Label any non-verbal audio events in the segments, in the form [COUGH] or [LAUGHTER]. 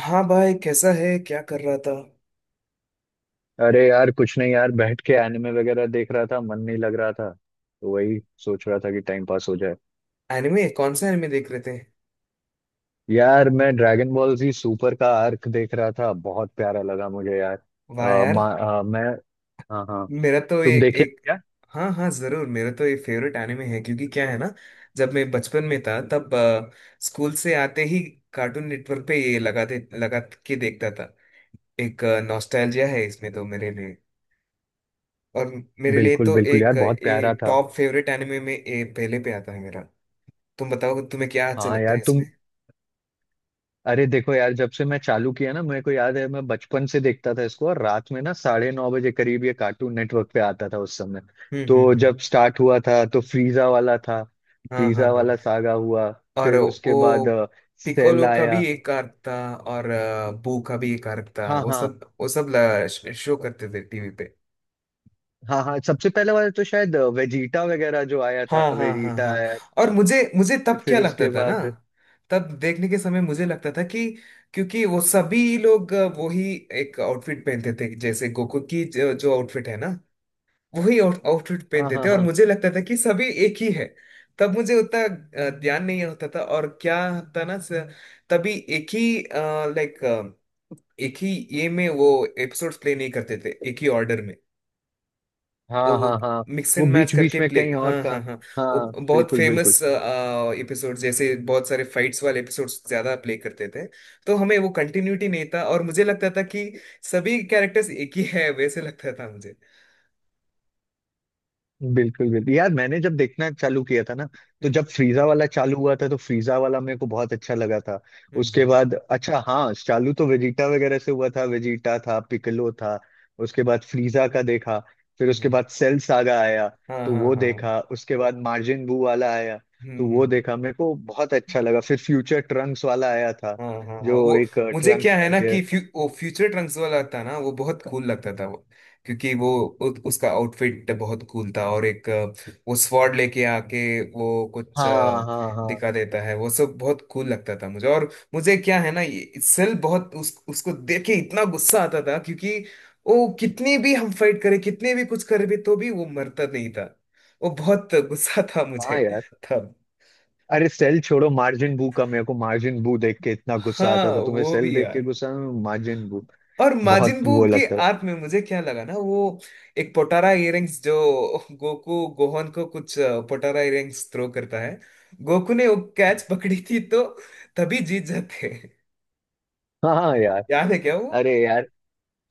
हाँ भाई, कैसा है? क्या कर रहा था? अरे यार, कुछ नहीं यार, बैठ के एनिमे वगैरह देख रहा था। मन नहीं लग रहा था तो वही सोच रहा था कि टाइम पास हो जाए। एनिमे, कौन सा एनिमे देख रहे थे? यार मैं ड्रैगन बॉल जी सुपर का आर्क देख रहा था, बहुत प्यारा लगा मुझे यार। वाह यार। मैं। हाँ हाँ। मेरा तो ये तुम देखे हो एक क्या? हाँ हाँ, जरूर। मेरा तो ये फेवरेट एनिमे है, क्योंकि क्या है ना, जब मैं बचपन में था, तब स्कूल से आते ही कार्टून नेटवर्क पे ये लगाते लगा के देखता था। एक नॉस्टैल्जिया है इसमें तो मेरे लिए। और मेरे लिए बिल्कुल तो बिल्कुल यार, एक बहुत ये प्यारा था। टॉप फेवरेट एनिमे में ये पहले पे आता है मेरा। तुम बताओ, तुम्हें क्या अच्छा हाँ लगता यार है तुम। इसमें? अरे देखो यार, जब से मैं चालू किया ना, मेरे को याद है मैं बचपन से देखता था इसको। और रात में ना 9:30 बजे करीब ये कार्टून नेटवर्क पे आता था उस समय। हम्म। हम्म। तो हम्म। जब स्टार्ट हुआ था तो फ्रीजा वाला था। हाँ हाँ फ्रीजा हाँ। वाला सागा हुआ। और फिर उसके वो बाद सेल पिकोलो का आया। भी एक आर्क था, और बू का भी एक आर्क था। हाँ वो हाँ सब वो सब शो करते थे टीवी पे। हाँ हाँ। सबसे पहले वाला तो शायद वेजीटा वगैरह जो आया था, हाँ हाँ हाँ वेजीटा हाँ। आया और था मुझे मुझे तब क्या फिर लगता उसके था ना, बाद। तब देखने के समय मुझे लगता था कि क्योंकि वो सभी लोग वही एक आउटफिट पहनते थे, जैसे गोकू की जो आउटफिट है ना, वही आउटफिट हाँ पहनते हाँ थे, और हाँ मुझे लगता था कि सभी एक ही है। तब मुझे उतना ध्यान नहीं होता था। और क्या था ना, तभी एक ही, लाइक, एक ही ये में वो एपिसोड्स प्ले नहीं करते थे एक ही ऑर्डर में। हाँ वो हाँ हाँ। मिक्स वो एंड मैच बीच बीच करके में प्ले, कहीं हाँ और का। हाँ हाँ। वो हाँ बहुत बिल्कुल फेमस बिल्कुल। एपिसोड, जैसे बहुत सारे फाइट्स वाले एपिसोड्स ज्यादा प्ले करते थे। तो हमें वो कंटिन्यूटी नहीं था, और मुझे लगता था कि सभी कैरेक्टर्स एक ही है, वैसे लगता था मुझे। बिल्कुल बिल्कुल यार, मैंने जब देखना चालू किया था ना, तो हम्म। जब फ्रीजा वाला चालू हुआ था तो फ्रीजा वाला मेरे को बहुत अच्छा लगा था। हम्म। उसके हम्म। बाद अच्छा, हाँ चालू तो वेजिटा वगैरह से हुआ था, वेजिटा था, पिकलो था। उसके बाद फ्रीजा का देखा। फिर हम्म। उसके हम्म। बाद सेल सागा आया। हाँ तो हाँ वो हाँ। देखा, उसके बाद मार्जिन बू वाला आया। हम्म। तो वो हम्म। देखा, मेरे को बहुत अच्छा लगा। फिर फ्यूचर ट्रंक्स वाला आया था, हाँ हाँ हाँ। जो वो एक मुझे ट्रंक्स क्या है ना करके। कि वो फ्यूचर ट्रंक्स वाला था ना, वो बहुत कूल लगता था वो। क्योंकि वो उसका आउटफिट बहुत कूल था, और एक वो स्वॉर्ड लेके आके वो कुछ हाँ हाँ हाँ, दिखा देता है, वो सब बहुत कूल लगता था मुझे। और मुझे क्या है ना, ये सेल बहुत उसको देख के इतना गुस्सा आता था, क्योंकि वो कितनी भी हम फाइट करे, कितने भी कुछ करे भी तो भी वो मरता नहीं था। वो बहुत गुस्सा था मुझे हाँ यार। तब। अरे सेल छोड़ो, मार्जिन बू का, मेरे को मार्जिन बू देख के इतना गुस्सा हाँ, आता था, तुम्हें वो सेल भी देख के यार। गुस्सा। मार्जिन बू। और बहुत माजिन बू वो के लगता था। आर्क में मुझे क्या लगा ना, वो एक पोटारा इयररिंग्स जो गोकू गोहन को कुछ पोटारा इयररिंग्स थ्रो करता है। गोकू ने वो कैच पकड़ी थी, तो तभी जीत जाते। हाँ हाँ यार। याद है क्या वो? अरे यार।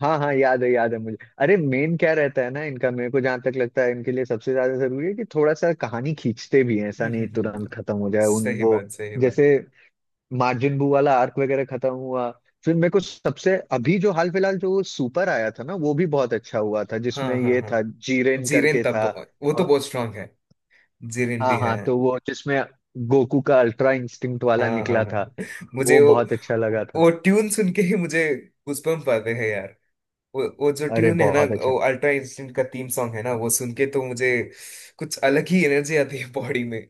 हाँ हाँ, याद है मुझे। अरे मेन क्या रहता है ना इनका, मेरे को जहां तक लगता है, इनके लिए सबसे ज्यादा जरूरी है कि थोड़ा सा कहानी खींचते भी हैं, ऐसा हम्म। नहीं हम्म। हम्म। तुरंत खत्म हो जाए उन सही बात, वो। सही बात। जैसे मार्जिन बू वाला आर्क वगैरह खत्म हुआ। फिर मेरे को सबसे अभी जो हाल फिलहाल जो सुपर आया था ना, वो भी बहुत अच्छा हुआ था हाँ जिसमें हाँ ये हाँ। था। जीरेन जीरेन, करके तब था। वो तो बहुत स्ट्रांग है। जीरेन भी हाँ है। हाँ, तो वो जिसमें गोकू का अल्ट्रा इंस्टिंक्ट वाला हाँ हाँ निकला था, हाँ। मुझे वो बहुत अच्छा लगा था। वो ट्यून सुन के ही मुझे गूज़बम्प आते हैं यार। वो जो अरे ट्यून है ना, बहुत अच्छा। वो अल्ट्रा इंस्टेंट का थीम सॉन्ग है ना, वो सुन के तो मुझे कुछ अलग ही एनर्जी आती है बॉडी में।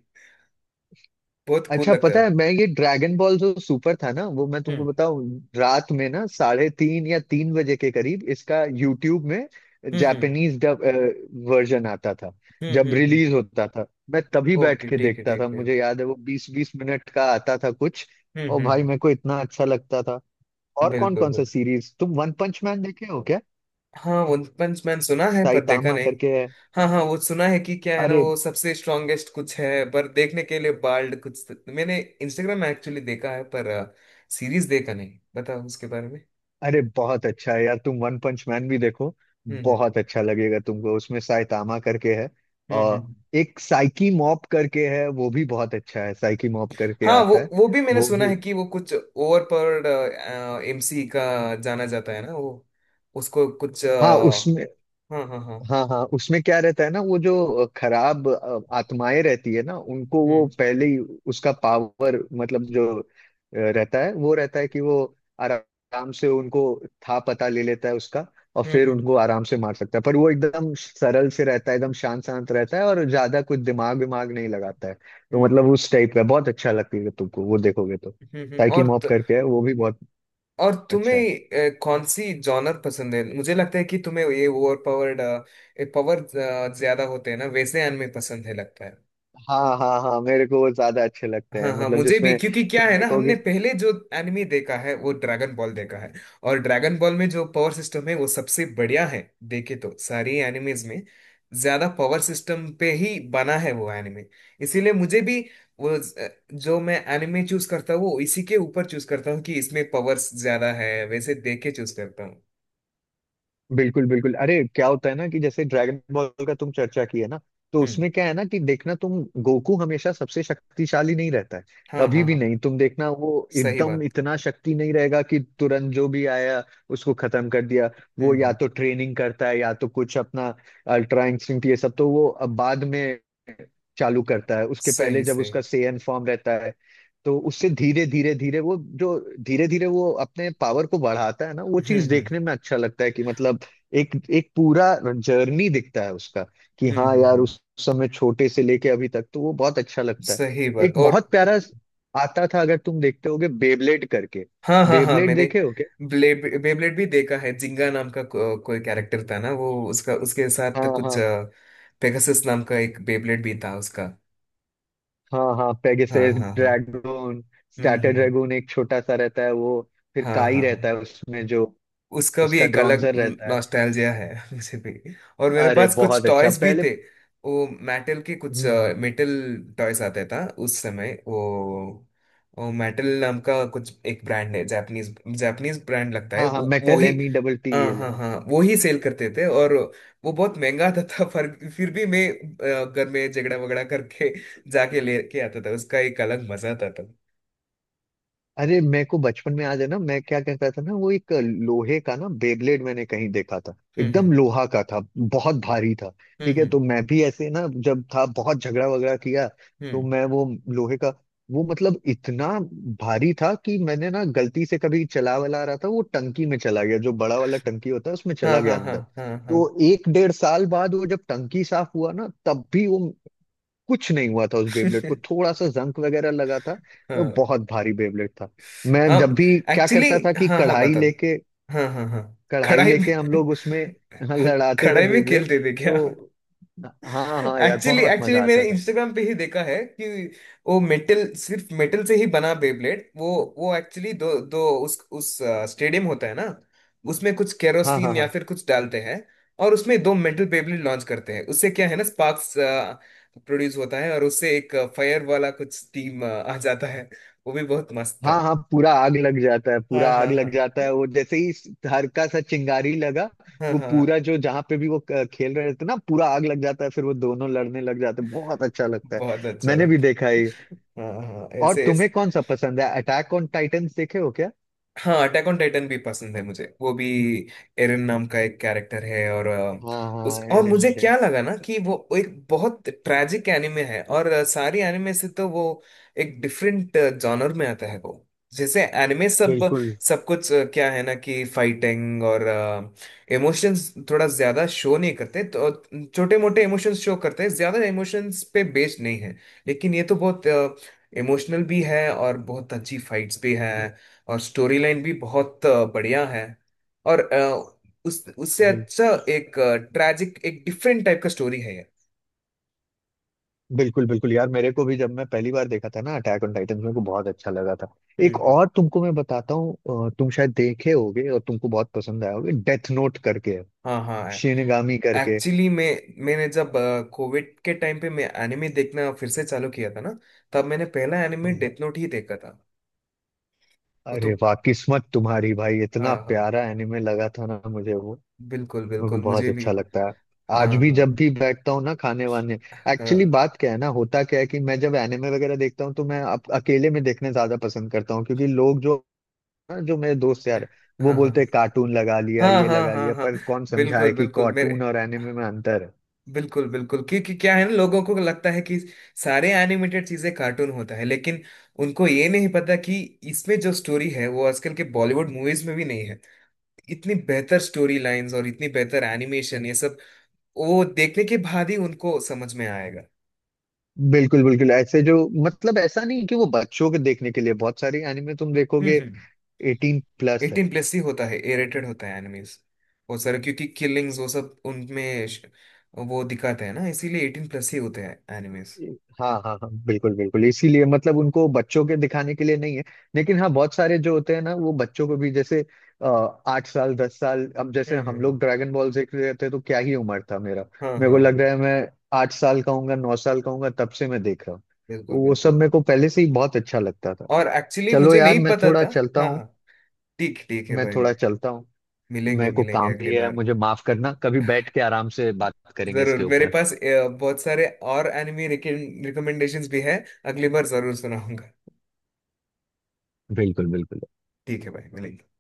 बहुत कूल अच्छा लगता पता है, है। मैं ये ड्रैगन बॉल जो सुपर था ना, वो मैं तुमको हम्म। बताऊं। रात में ना 3:30 या 3 बजे के करीब इसका यूट्यूब में हम्म। हम्म। जापानीज डब वर्जन आता था, हम्म। जब हम्म। रिलीज होता था। मैं तभी बैठ ओके, के ठीक है, देखता था, ठीक है। मुझे याद है वो 20-20 मिनट का आता था कुछ। हम्म। और हम्म। भाई हम्म। मेरे को इतना अच्छा लगता था। और कौन बिल्कुल कौन सा बिल्कुल। सीरीज, तुम वन पंच मैन देखे हो? हाँ, वन पंच मैन सुना है, पर देखा साइतामा नहीं। करके है। हाँ हाँ, वो सुना है कि क्या है ना, अरे। वो सबसे स्ट्रांगेस्ट कुछ है, पर देखने के लिए बाल्ड कुछ तो, मैंने इंस्टाग्राम में एक्चुअली देखा है, पर सीरीज देखा नहीं। बताओ उसके बारे में। अरे बहुत अच्छा है यार, तुम वन पंच मैन भी देखो। हम्म। हम्म। बहुत अच्छा लगेगा तुमको, उसमें साइतामा करके है। हम्म। और हम्म। एक साइकी मॉप करके है, वो भी बहुत अच्छा है। साइकी मॉप करके हाँ, वो आता है, वो भी मैंने वो सुना भी। है कि वो कुछ ओवर पर एमसी का जाना जाता है ना वो। उसको कुछ हाँ उसमें। हाँ हाँ हाँ। हाँ हाँ, उसमें क्या रहता है ना, वो जो खराब आत्माएं रहती है ना, उनको वो हम्म। पहले ही उसका पावर मतलब जो रहता है, वो रहता है कि वो आराम से उनको था पता ले लेता है उसका। और हम्म। फिर हम्म। उनको आराम से मार सकता है। पर वो एकदम सरल से रहता है, एकदम शांत शांत रहता है और ज्यादा कुछ दिमाग विमाग नहीं लगाता है। तो मतलब हम्म। उस टाइप का बहुत अच्छा लगेगा तुमको, वो देखोगे तो। हम्म। हम्म। साइकी और मॉप करके है, वो भी बहुत और तुम्हें अच्छा है। कौन सी जॉनर पसंद है? मुझे लगता है कि तुम्हें ये ओवर पावर्ड पावर ज्यादा होते हैं ना, वैसे anime पसंद है, लगता है। हाँ हाँ हाँ, मेरे को वो ज्यादा अच्छे लगते हाँ हैं, हाँ, मतलब मुझे भी, जिसमें क्योंकि क्या तुम है ना, हमने देखोगे। पहले जो एनिमे देखा है वो ड्रैगन बॉल देखा है। और ड्रैगन बॉल में जो पावर सिस्टम है वो सबसे बढ़िया है, देखे तो सारी एनिमेज में। ज्यादा पावर सिस्टम पे ही बना है वो एनिमे। इसीलिए मुझे भी वो जो मैं एनिमे चूज करता हूँ वो इसी के ऊपर चूज करता हूँ, कि इसमें पावर्स ज्यादा है वैसे देख के चूज करता हूँ। बिल्कुल बिल्कुल, अरे क्या होता है ना कि जैसे ड्रैगन बॉल का तुम चर्चा की है ना, तो हम्म। उसमें क्या है ना कि देखना, तुम गोकू हमेशा सबसे शक्तिशाली नहीं रहता है, हाँ कभी हाँ भी हाँ। नहीं। तुम देखना, वो सही एकदम बात। इतना शक्ति नहीं रहेगा कि तुरंत जो भी आया उसको खत्म कर दिया। वो हम्म। या हम्म। तो ट्रेनिंग करता है या तो कुछ अपना अल्ट्रा इंस्टिंक्ट, ये सब तो वो अब बाद में चालू करता है। उसके पहले सही जब सही। उसका सेयन फॉर्म रहता है, तो उससे धीरे धीरे धीरे वो जो धीरे धीरे वो अपने पावर को बढ़ाता है ना, वो हम्म। चीज हम्म। देखने में अच्छा लगता है कि मतलब एक एक पूरा जर्नी दिखता है उसका, कि हम्म। हाँ हम्म। यार, हम्म। उस समय छोटे से लेके अभी तक, तो वो बहुत अच्छा लगता सही है। बात। एक और बहुत प्यारा आता था, अगर तुम देखते होगे, बेबलेट करके। हाँ हाँ हाँ। बेबलेट मैंने देखे हो क्या? ब्लेड बेब्लेड भी देखा है। जिंगा नाम का कोई कैरेक्टर था ना, वो उसका उसके साथ हाँ कुछ हाँ पेगासस नाम का एक बेब्लेड भी था उसका। हाँ हाँ, हाँ पेगासस हाँ हाँ। ड्रैगन, हम्म। हम्म। स्टार्टर हम्म। ड्रैगन एक छोटा सा रहता है वो। फिर हाँ काई हाँ रहता हाँ। है उसमें, जो उसका भी उसका एक अलग ड्रॉन्जर रहता है। नॉस्टैल्जिया है [LAUGHS] मुझे भी। और मेरे अरे पास कुछ बहुत अच्छा टॉयज भी पहले। थे। वो मेटल के कुछ हम्म। मेटल टॉयज आते था उस समय वो। वो मेटल नाम का कुछ एक ब्रांड है, जापानीज जापानीज ब्रांड लगता है हाँ हाँ, वो मेटल ही। एम डबल टी हाँ एल हाँ हाँ, वो ही सेल करते थे। और वो बहुत महंगा आता था, पर फिर भी मैं घर में झगड़ा वगड़ा करके जाके लेके आता था, उसका एक अलग मजा आता था। अरे मेरे को बचपन में याद है ना, मैं क्या कहता था ना, वो एक लोहे का ना बेब्लेड मैंने कहीं देखा था। हम्म। हम्म। एकदम लोहा का था, बहुत भारी था। हम्म। ठीक है, हम्म। तो मैं भी ऐसे ना जब था, बहुत झगड़ा वगड़ा किया तो हम्म। मैं वो लोहे का वो मतलब इतना भारी था, कि मैंने ना गलती से कभी चला वाला रहा था, वो टंकी में चला गया, जो बड़ा वाला टंकी होता है उसमें हाँ चला गया हाँ हाँ अंदर। हाँ हाँ। तो एक डेढ़ साल बाद वो जब टंकी साफ हुआ ना, तब भी वो कुछ नहीं हुआ था उस बेबलेट को, थोड़ा [LAUGHS] सा जंग वगैरह लगा था। वो हाँ। बहुत भारी बेबलेट था। मैं जब हाँ, भी क्या एक्चुअली करता था कि हाँ हाँ, कढ़ाई बताओ। लेके, हाँ हाँ हाँ। कढ़ाई कढ़ाई लेके हम में लोग उसमें [LAUGHS] [LAUGHS] लड़ाते थे कढ़ाई में बेबलेट। खेलते थे क्या? तो हाँ हाँ यार, एक्चुअली बहुत मजा एक्चुअली मैंने आता था। इंस्टाग्राम पे ही देखा है कि वो मेटल सिर्फ मेटल से ही बना बेब्लेड वो एक्चुअली दो दो उस स्टेडियम होता है ना, उसमें कुछ हाँ हाँ केरोसिन या हाँ फिर कुछ डालते हैं। और उसमें दो मेटल बेब्लेड लॉन्च करते हैं, उससे क्या है ना, स्पार्क्स प्रोड्यूस होता है, और उससे एक फायर वाला कुछ स्टीम आ जाता है। वो भी बहुत मस्त। हाँ हाँ, पूरा आग लग जाता है, पूरा हाँ हाँ आग हाँ लग जाता है वो जैसे ही हल्का सा चिंगारी लगा, हाँ वो हाँ हाँ, पूरा जो जहाँ पे भी वो खेल रहे थे ना, पूरा आग लग जाता है। फिर वो दोनों लड़ने लग जाते हैं, बहुत अच्छा लगता है। बहुत अच्छा मैंने भी लगता देखा है। है। हाँ हाँ हाँ, और ऐसे तुम्हें ऐसे। कौन सा पसंद है? अटैक ऑन टाइटंस देखे हो क्या? हाँ, अटैक ऑन टाइटन भी पसंद है मुझे, वो भी एरन नाम का एक कैरेक्टर है, और हाँ उस हाँ, और एरन मुझे एरन। क्या लगा ना कि वो एक बहुत ट्रैजिक एनिमे है, और सारी एनिमे से तो वो एक डिफरेंट जॉनर में आता है वो। जैसे एनिमे सब बिल्कुल सब कुछ क्या है ना कि फाइटिंग और इमोशंस थोड़ा ज्यादा शो नहीं करते, तो छोटे मोटे इमोशंस शो करते हैं, ज्यादा इमोशंस पे बेस्ड नहीं है। लेकिन ये तो बहुत इमोशनल भी है, और बहुत अच्छी फाइट्स भी है, और स्टोरी लाइन भी बहुत बढ़िया है। और उस उससे बिल, अच्छा एक ट्रैजिक, एक डिफरेंट टाइप का स्टोरी है ये। बिल्कुल बिल्कुल यार, मेरे को भी जब मैं पहली बार देखा था ना अटैक ऑन टाइटन, मेरे को बहुत अच्छा लगा था। हम्म। एक हम्म। और तुमको मैं बताता हूँ, तुम शायद देखे होगे और तुमको बहुत पसंद आया होगा, डेथ नोट करके है, हाँ हाँ, शिनगामी करके। एक्चुअली मैं मैंने जब कोविड के टाइम पे मैं एनिमे देखना फिर से चालू किया था ना, तब मैंने पहला एनिमे हाँ। डेथ नोट ही देखा था। वो तो अरे वाह, किस्मत तुम्हारी भाई, इतना हाँ हाँ, प्यारा एनिमे लगा था ना मुझे वो, बिल्कुल मेरे को बिल्कुल, बहुत मुझे भी। अच्छा लगता है। हाँ आज भी हाँ जब भी बैठता हूँ ना खाने वाने। एक्चुअली हाँ बात क्या है ना, होता क्या है कि मैं जब एनिमे वगैरह देखता हूँ तो मैं अकेले में देखने ज्यादा पसंद करता हूँ, क्योंकि लोग जो ना, जो मेरे दोस्त यार, वो हाँ हाँ बोलते हैं कार्टून लगा लिया हाँ ये हाँ लगा हाँ लिया। हाँ। पर कौन समझाए बिल्कुल कि बिल्कुल, मेरे कार्टून और एनिमे में अंतर है। बिल्कुल बिल्कुल, क्योंकि क्या है ना, लोगों को लगता है कि सारे एनिमेटेड चीजें कार्टून होता है, लेकिन उनको ये नहीं पता कि इसमें जो स्टोरी है वो आजकल के बॉलीवुड मूवीज में भी नहीं है। इतनी बेहतर स्टोरी लाइंस और इतनी बेहतर एनिमेशन ये सब वो देखने के बाद ही उनको समझ में आएगा। बिल्कुल बिल्कुल, ऐसे जो, मतलब ऐसा नहीं कि वो बच्चों के देखने के लिए, बहुत सारे एनिमे तुम हम्म। देखोगे, हम्म। 18+ है। एटीन प्लस ही होता है, ए रेटेड होता है एनिमीज। वो सारे क्योंकि किलिंग्स वो सब उनमें वो दिखाते हैं ना, इसीलिए एटीन प्लस ही होते हैं एनिमीज। हाँ हाँ हाँ बिल्कुल बिल्कुल, इसीलिए मतलब उनको बच्चों के दिखाने के लिए नहीं है। लेकिन हाँ, बहुत सारे जो होते हैं ना, वो बच्चों को भी, जैसे अ, 8 साल 10 साल, अब जैसे हम्म। हम हम्म। लोग ड्रैगन बॉल देख रहे थे तो क्या ही उम्र था मेरा? हाँ मेरे को हाँ हाँ, लग रहा है मैं 8 साल का हूँगा, 9 साल का हूँगा, तब से मैं देख रहा हूँ। तो बिल्कुल वो सब बिल्कुल। मेरे को पहले से ही बहुत अच्छा लगता था। और एक्चुअली चलो मुझे यार, नहीं मैं पता थोड़ा था। चलता हाँ हूँ, हाँ। ठीक ठीक है मैं भाई। थोड़ा चलता हूँ। मिलेंगे मेरे को मिलेंगे काम अगली भी है, बार। मुझे माफ करना, कभी बैठ के आराम से बात करेंगे जरूर, इसके मेरे ऊपर। पास बहुत सारे और एनिमी रिकमेंडेशंस भी है, अगली बार जरूर सुनाऊंगा। बिल्कुल बिल्कुल। ठीक है भाई, मिलेंगे।